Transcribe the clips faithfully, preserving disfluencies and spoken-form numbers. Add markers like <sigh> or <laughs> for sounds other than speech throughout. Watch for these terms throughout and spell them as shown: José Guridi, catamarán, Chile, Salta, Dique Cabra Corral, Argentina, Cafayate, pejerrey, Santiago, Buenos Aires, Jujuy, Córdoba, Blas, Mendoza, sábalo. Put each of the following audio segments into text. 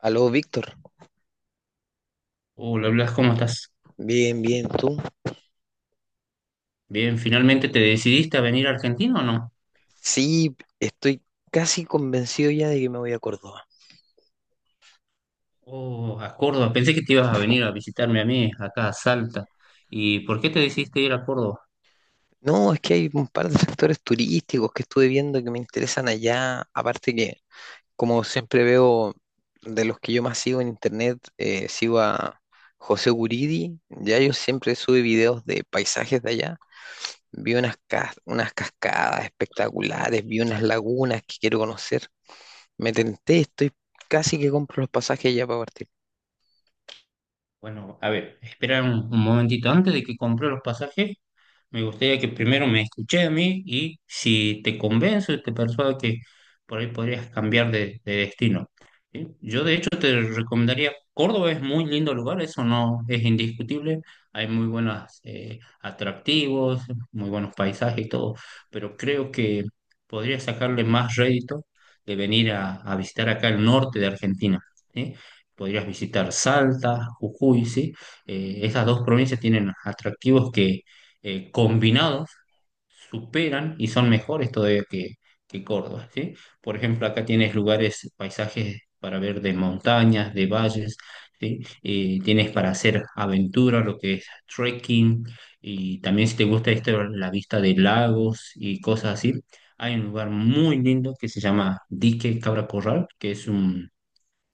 Aló, Víctor. Hola Blas, ¿cómo estás? Bien, bien, ¿tú? Bien, ¿finalmente te decidiste a venir a Argentina o no? Sí, estoy casi convencido ya de que me voy a Córdoba. Oh, a Córdoba, pensé que te ibas a venir a visitarme a mí, acá a Salta. ¿Y por qué te decidiste ir a Córdoba? No, es que hay un par de sectores turísticos que estuve viendo que me interesan allá. Aparte que, como siempre veo, de los que yo más sigo en internet, eh, sigo a José Guridi. Ya yo siempre sube videos de paisajes de allá. Vi unas, cas- unas cascadas espectaculares, vi unas lagunas que quiero conocer. Me tenté, estoy casi que compro los pasajes ya para partir. Bueno, a ver, espera un, un momentito antes de que compré los pasajes. Me gustaría que primero me escuché a mí y si te convenzo y te persuado que por ahí podrías cambiar de, de destino. ¿Sí? Yo de hecho te recomendaría, Córdoba es muy lindo lugar, eso no es indiscutible, hay muy buenos eh, atractivos, muy buenos paisajes y todo, pero creo que podría sacarle más rédito de venir a, a visitar acá el norte de Argentina. ¿Sí? Podrías visitar Salta, Jujuy, ¿sí? Eh, esas dos provincias tienen atractivos que eh, combinados superan y son mejores todavía que, que Córdoba, ¿sí? Por ejemplo, acá tienes lugares, paisajes para ver de montañas, de valles, ¿sí? Eh, tienes para hacer aventura, lo que es trekking, y también si te gusta esto, la vista de lagos y cosas así. Hay un lugar muy lindo que se llama Dique Cabra Corral, que es un,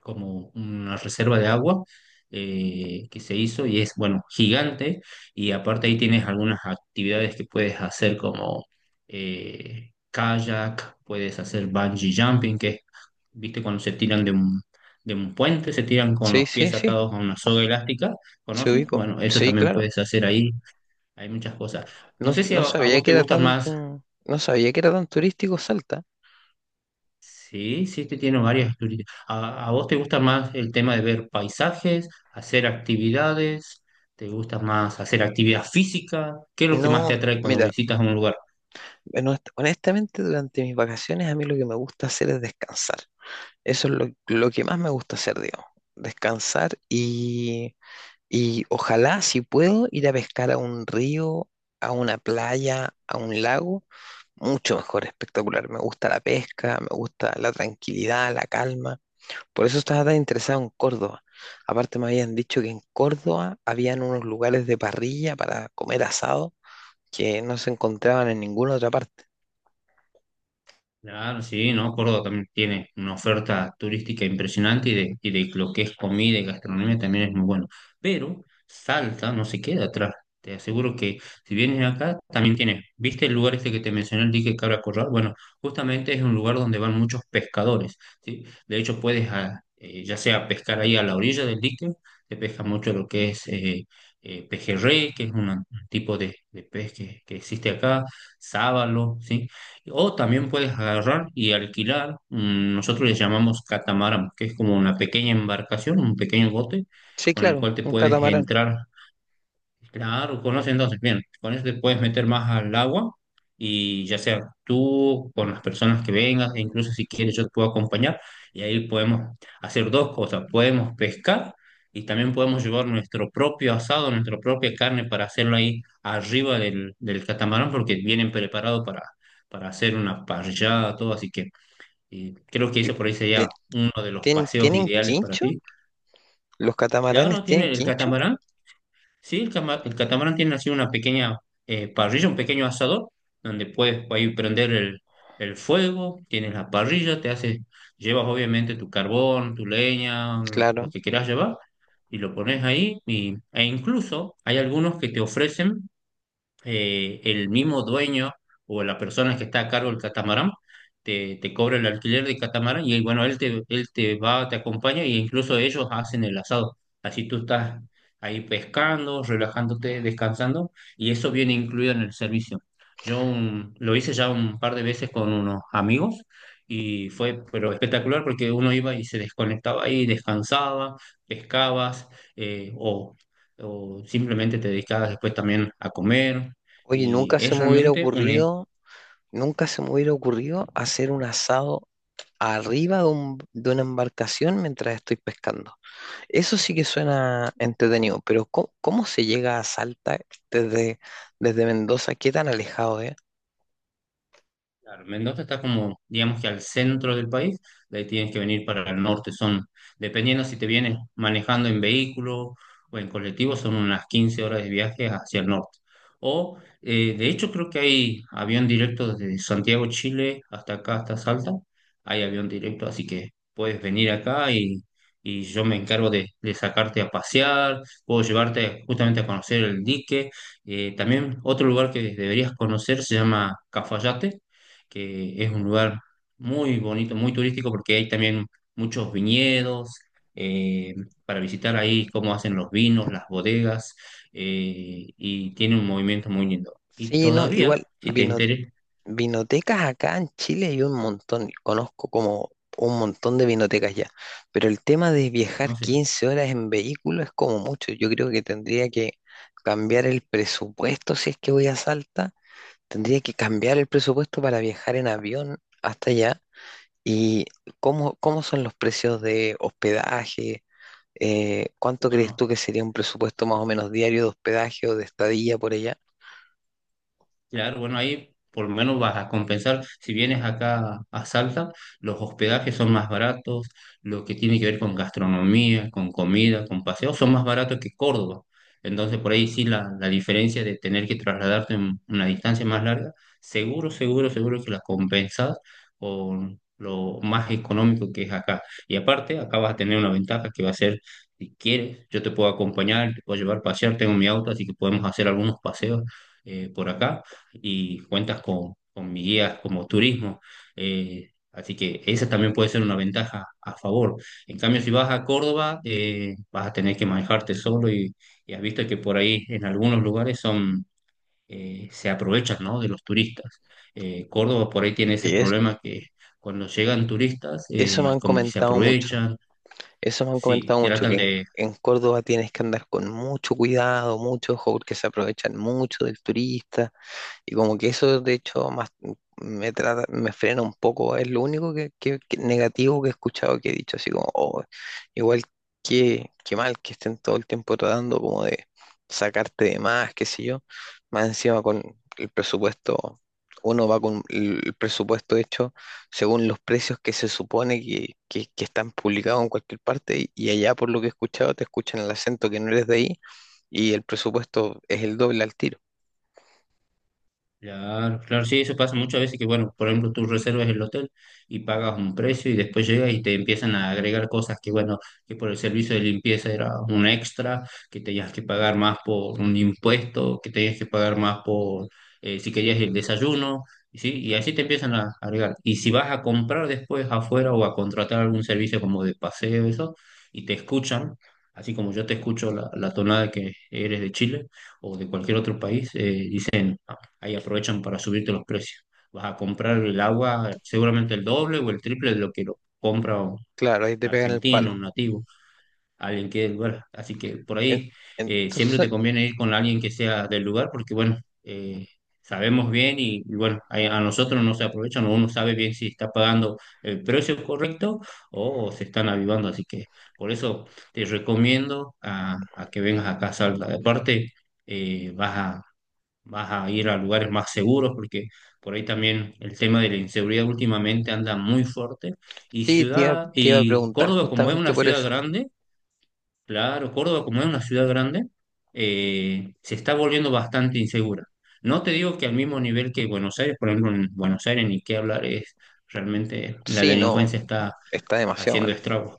como una reserva de agua eh, que se hizo y es, bueno, gigante, y aparte ahí tienes algunas actividades que puedes hacer como eh, kayak, puedes hacer bungee jumping, que es, viste, cuando se tiran de un, de un puente, se tiran con los Sí, sí, pies sí. atados a una soga elástica, Se ¿conoces? ubicó. Bueno, eso Sí, también claro. puedes hacer ahí, hay muchas cosas. No No, sé si a, no a sabía vos que te era gustan tan, más. mm, no sabía que era tan turístico Salta. Sí, sí, este tiene varias actividades. ¿A, a vos te gusta más el tema de ver paisajes, hacer actividades? ¿Te gusta más hacer actividad física? ¿Qué es lo que más te No, atrae cuando mira, visitas un lugar? en honest- honestamente durante mis vacaciones a mí lo que me gusta hacer es descansar. Eso es lo, lo que más me gusta hacer, digamos. Descansar y, y ojalá si puedo ir a pescar a un río, a una playa, a un lago, mucho mejor, espectacular. Me gusta la pesca, me gusta la tranquilidad, la calma. Por eso estaba tan interesado en Córdoba. Aparte me habían dicho que en Córdoba habían unos lugares de parrilla para comer asado que no se encontraban en ninguna otra parte. Claro, sí, ¿no? Córdoba también tiene una oferta turística impresionante, y de, y de lo que es comida y gastronomía también es muy bueno. Pero Salta no se queda atrás. Te aseguro que si vienes acá, también tienes. ¿Viste el lugar este que te mencioné, el dique Cabra Corral? Bueno, justamente es un lugar donde van muchos pescadores, ¿sí? De hecho, puedes, ah, eh, ya sea pescar ahí a la orilla del dique, te pesca mucho lo que es eh, eh, pejerrey, que es una- un tipo de, de pez que, que existe acá, sábalo, ¿sí? O también puedes agarrar y alquilar, mm, nosotros les llamamos catamarán, que es como una pequeña embarcación, un pequeño bote Sí, con el claro, cual te un puedes catamarán. entrar. Claro, conoce entonces, bien, con eso te puedes meter más al agua y ya sea tú, con las personas que vengas, e incluso si quieres yo te puedo acompañar, y ahí podemos hacer dos cosas, podemos pescar y también podemos llevar nuestro propio asado, nuestra propia carne para hacerlo ahí arriba del, del catamarán, porque vienen preparados para, para hacer una parrillada, todo, así que y creo Y que que- ese por ahí te- sería uno de los ¿tien- paseos ¿Tienen ideales para quincho? ti. ¿Los catamaranes Claro, tienen tiene el quincho? catamarán. Sí, el, cama- el catamarán tiene así una pequeña eh, parrilla, un pequeño asador, donde puedes ahí prender el, el fuego, tienes la parrilla, te haces, llevas obviamente tu carbón, tu leña, lo, lo Claro. que quieras llevar, y lo pones ahí, y, e incluso hay algunos que te ofrecen, eh, el mismo dueño o la persona que está a cargo del catamarán te, te cobra el alquiler del catamarán y bueno, él te, él te va, te acompaña, e incluso ellos hacen el asado. Así tú estás ahí pescando, relajándote, descansando y eso viene incluido en el servicio. Yo un- lo hice ya un par de veces con unos amigos y fue pero espectacular, porque uno iba y se desconectaba ahí, descansaba, pescabas, eh, o, o simplemente te dedicabas después también a comer Oye, y nunca se es me hubiera realmente un, ocurrido, nunca se me hubiera ocurrido hacer un asado arriba de un- de una embarcación mientras estoy pescando. Eso sí que suena entretenido, pero ¿cómo, ¿cómo se llega a Salta desde, desde Mendoza? ¿Qué tan alejado es? claro, Mendoza está como, digamos que al centro del país, de ahí tienes que venir para el norte, son, dependiendo si te vienes manejando en vehículo o en colectivo, son unas quince horas de viaje hacia el norte. O, eh, de hecho, creo que hay avión directo desde Santiago, Chile, hasta acá, hasta Salta, hay avión directo, así que puedes venir acá y, y yo me encargo de, de sacarte a pasear, puedo llevarte justamente a conocer el dique. Eh, también otro lugar que deberías conocer se llama Cafayate, que es un lugar muy bonito, muy turístico, porque hay también muchos viñedos eh, para visitar ahí cómo hacen los vinos, las bodegas, eh, y tiene un movimiento muy lindo. Y Sí, no, todavía, igual si te vino, interesa, vinotecas acá en Chile hay un montón, conozco como un montón de vinotecas ya, pero el tema de viajar conoces, quince horas en vehículo es como mucho, yo creo que tendría que cambiar el presupuesto si es que voy a Salta, tendría que cambiar el presupuesto para viajar en avión hasta allá. ¿Y cómo, cómo son los precios de hospedaje? Eh, ¿cuánto crees bueno, tú que sería un presupuesto más o menos diario de hospedaje o de estadía por allá? claro, bueno, ahí por lo menos vas a compensar. Si vienes acá a Salta, los hospedajes son más baratos, lo que tiene que ver con gastronomía, con comida, con paseos, son más baratos que Córdoba. Entonces, por ahí sí la, la diferencia de tener que trasladarte en una distancia más larga, seguro, seguro, seguro que la compensas con lo más económico que es acá. Y aparte, acá vas a tener una ventaja que va a ser, si quieres, yo te puedo acompañar, te puedo llevar a pasear, tengo mi auto, así que podemos hacer algunos paseos eh, por acá, y cuentas con, con mi guía como turismo. Eh, así que esa también puede ser una ventaja a favor. En cambio, si vas a Córdoba, eh, vas a tener que manejarte solo y, y has visto que por ahí en algunos lugares son, eh, se aprovechan, ¿no?, de los turistas. Eh, Córdoba por ahí tiene ese Sí, es- problema que cuando llegan turistas, eso me eh, han como que se comentado mucho. aprovechan, Eso me han sí, comentado mucho, que tratan en, de en Córdoba tienes que andar con mucho cuidado, mucho ojo, porque se aprovechan mucho del turista. Y como que eso, de hecho, más me trata, me frena un poco. Es lo único que, que- que negativo que he escuchado que he dicho, así como, "Oh, igual que, qué mal que estén todo el tiempo tratando como de sacarte de más, qué sé yo. Más encima con el presupuesto, uno va con el presupuesto hecho según los precios que se supone que, que, que están publicados en cualquier parte, y, y allá por lo que he escuchado, te escuchan el acento que no eres de ahí, y el presupuesto es el doble al tiro. claro, claro, sí, eso pasa muchas veces que, bueno, por ejemplo, tú reservas el hotel y pagas un precio y después llegas y te empiezan a agregar cosas que, bueno, que por el servicio de limpieza era un extra, que tenías que pagar más por un impuesto, que tenías que pagar más por eh, si querías el desayuno, y sí, y así te empiezan a agregar. Y si vas a comprar después afuera o a contratar algún servicio como de paseo, eso, y te escuchan, así como yo te escucho la, la tonada que eres de Chile o de cualquier otro país, eh, dicen ahí, aprovechan para subirte los precios. Vas a comprar el agua seguramente el doble o el triple de lo que lo compra un Claro, ahí te pegan el argentino, palo. un nativo, alguien que es del lugar. Así que por En- ahí eh, siempre Entonces, te conviene ir con alguien que sea del lugar porque, bueno, eh, sabemos bien y, y bueno, a, a nosotros no se aprovechan, uno sabe bien si está pagando el precio correcto o, se están avivando. Así que por eso te recomiendo a, a que vengas acá a Salta. Aparte, eh, vas a vas a ir a lugares más seguros, porque por ahí también el tema de la inseguridad últimamente anda muy fuerte. Y sí, te iba, ciudad, te iba a y preguntar Córdoba, como es justamente una por ciudad eso. grande, claro, Córdoba, como es una ciudad grande, eh, se está volviendo bastante insegura. No te digo que al mismo nivel que Buenos Aires, por ejemplo, en Buenos Aires ni qué hablar, es realmente la Sí, no, delincuencia está está demasiado haciendo malo. estragos.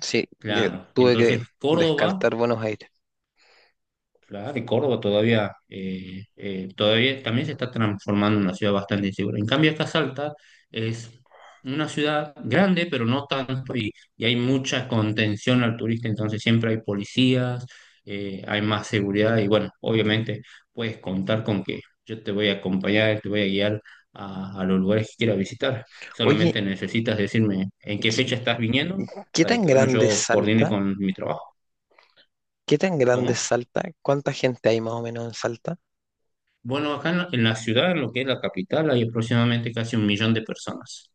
Sí, de- Claro, tuve que entonces Córdoba, descartar Buenos Aires. claro, y Córdoba todavía, eh, eh, todavía también se está transformando en una ciudad bastante insegura. En cambio, acá Salta es una ciudad grande, pero no tanto, y, y hay mucha contención al turista, entonces siempre hay policías, eh, hay más seguridad, y bueno, obviamente puedes contar con que yo te voy a acompañar, te voy a guiar a, a los lugares que quieras visitar. Oye, Solamente necesitas decirme en qué ¿qué, fecha estás viniendo ¿qué para tan que, bueno, grande es yo coordine Salta? con mi trabajo. ¿Qué tan grande ¿Cómo? es Salta? ¿Cuánta gente hay más o menos en Salta? Bueno, acá en la, en la ciudad, lo que es la capital, hay aproximadamente casi un millón de personas.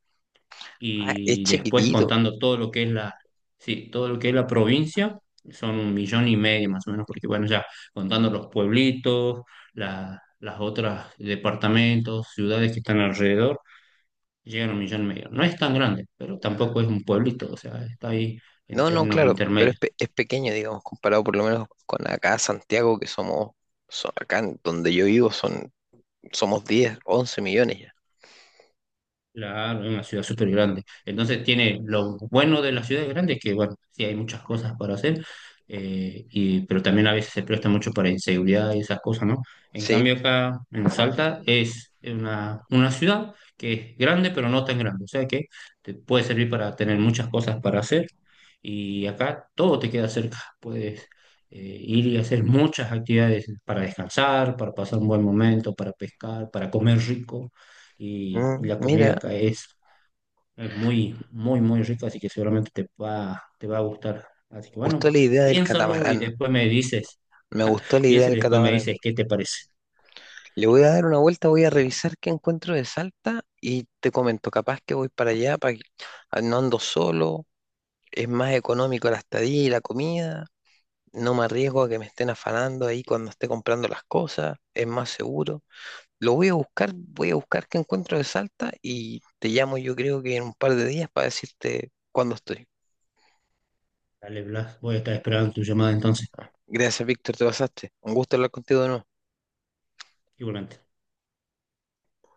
Ah, es Y después chiquitito. contando todo lo que es la, sí, todo lo que es la provincia, son un millón y medio más o menos, porque bueno, ya contando los pueblitos, la- las otras departamentos, ciudades que están alrededor, llegan a un millón y medio. No es tan grande, pero tampoco es un pueblito, o sea, está ahí en No, no, términos claro, pero es, intermedios. pe- es pequeño, digamos, comparado por lo menos con acá, Santiago, que somos, so- acá en donde yo vivo, son, somos diez once millones ya. Claro, es una ciudad súper grande. Entonces tiene lo bueno de las ciudades grandes que, bueno, sí hay muchas cosas para hacer, eh, y, pero también a veces se presta mucho para inseguridad y esas cosas, ¿no? En Sí, cambio acá en Salta es una, una ciudad que es grande, pero no tan grande. O sea que te puede servir para tener muchas cosas para hacer y acá todo te queda cerca. Puedes eh, ir y hacer muchas actividades para descansar, para pasar un buen momento, para pescar, para comer rico y Mm, la mira, comida acá es, es muy, muy, muy rica, así que seguramente te va, te va a gustar. Así me que gustó bueno, la idea del piénsalo y catamarán. después me dices, Me gustó <laughs> la idea piénsalo del y después me catamarán. dices qué te parece. Le voy a dar una vuelta, voy a revisar qué encuentro de Salta y te comento, capaz que voy para allá, para que ah, no ando solo, es más económico la estadía y la comida, no me arriesgo a que me estén afanando ahí cuando esté comprando las cosas, es más seguro. Lo voy a buscar, voy a buscar qué encuentro de Salta y te llamo yo creo que en un par de días para decirte cuándo estoy. Dale, Blas, voy a estar esperando tu llamada entonces, Gracias, Víctor, te pasaste. Un gusto hablar contigo de nuevo. igualmente.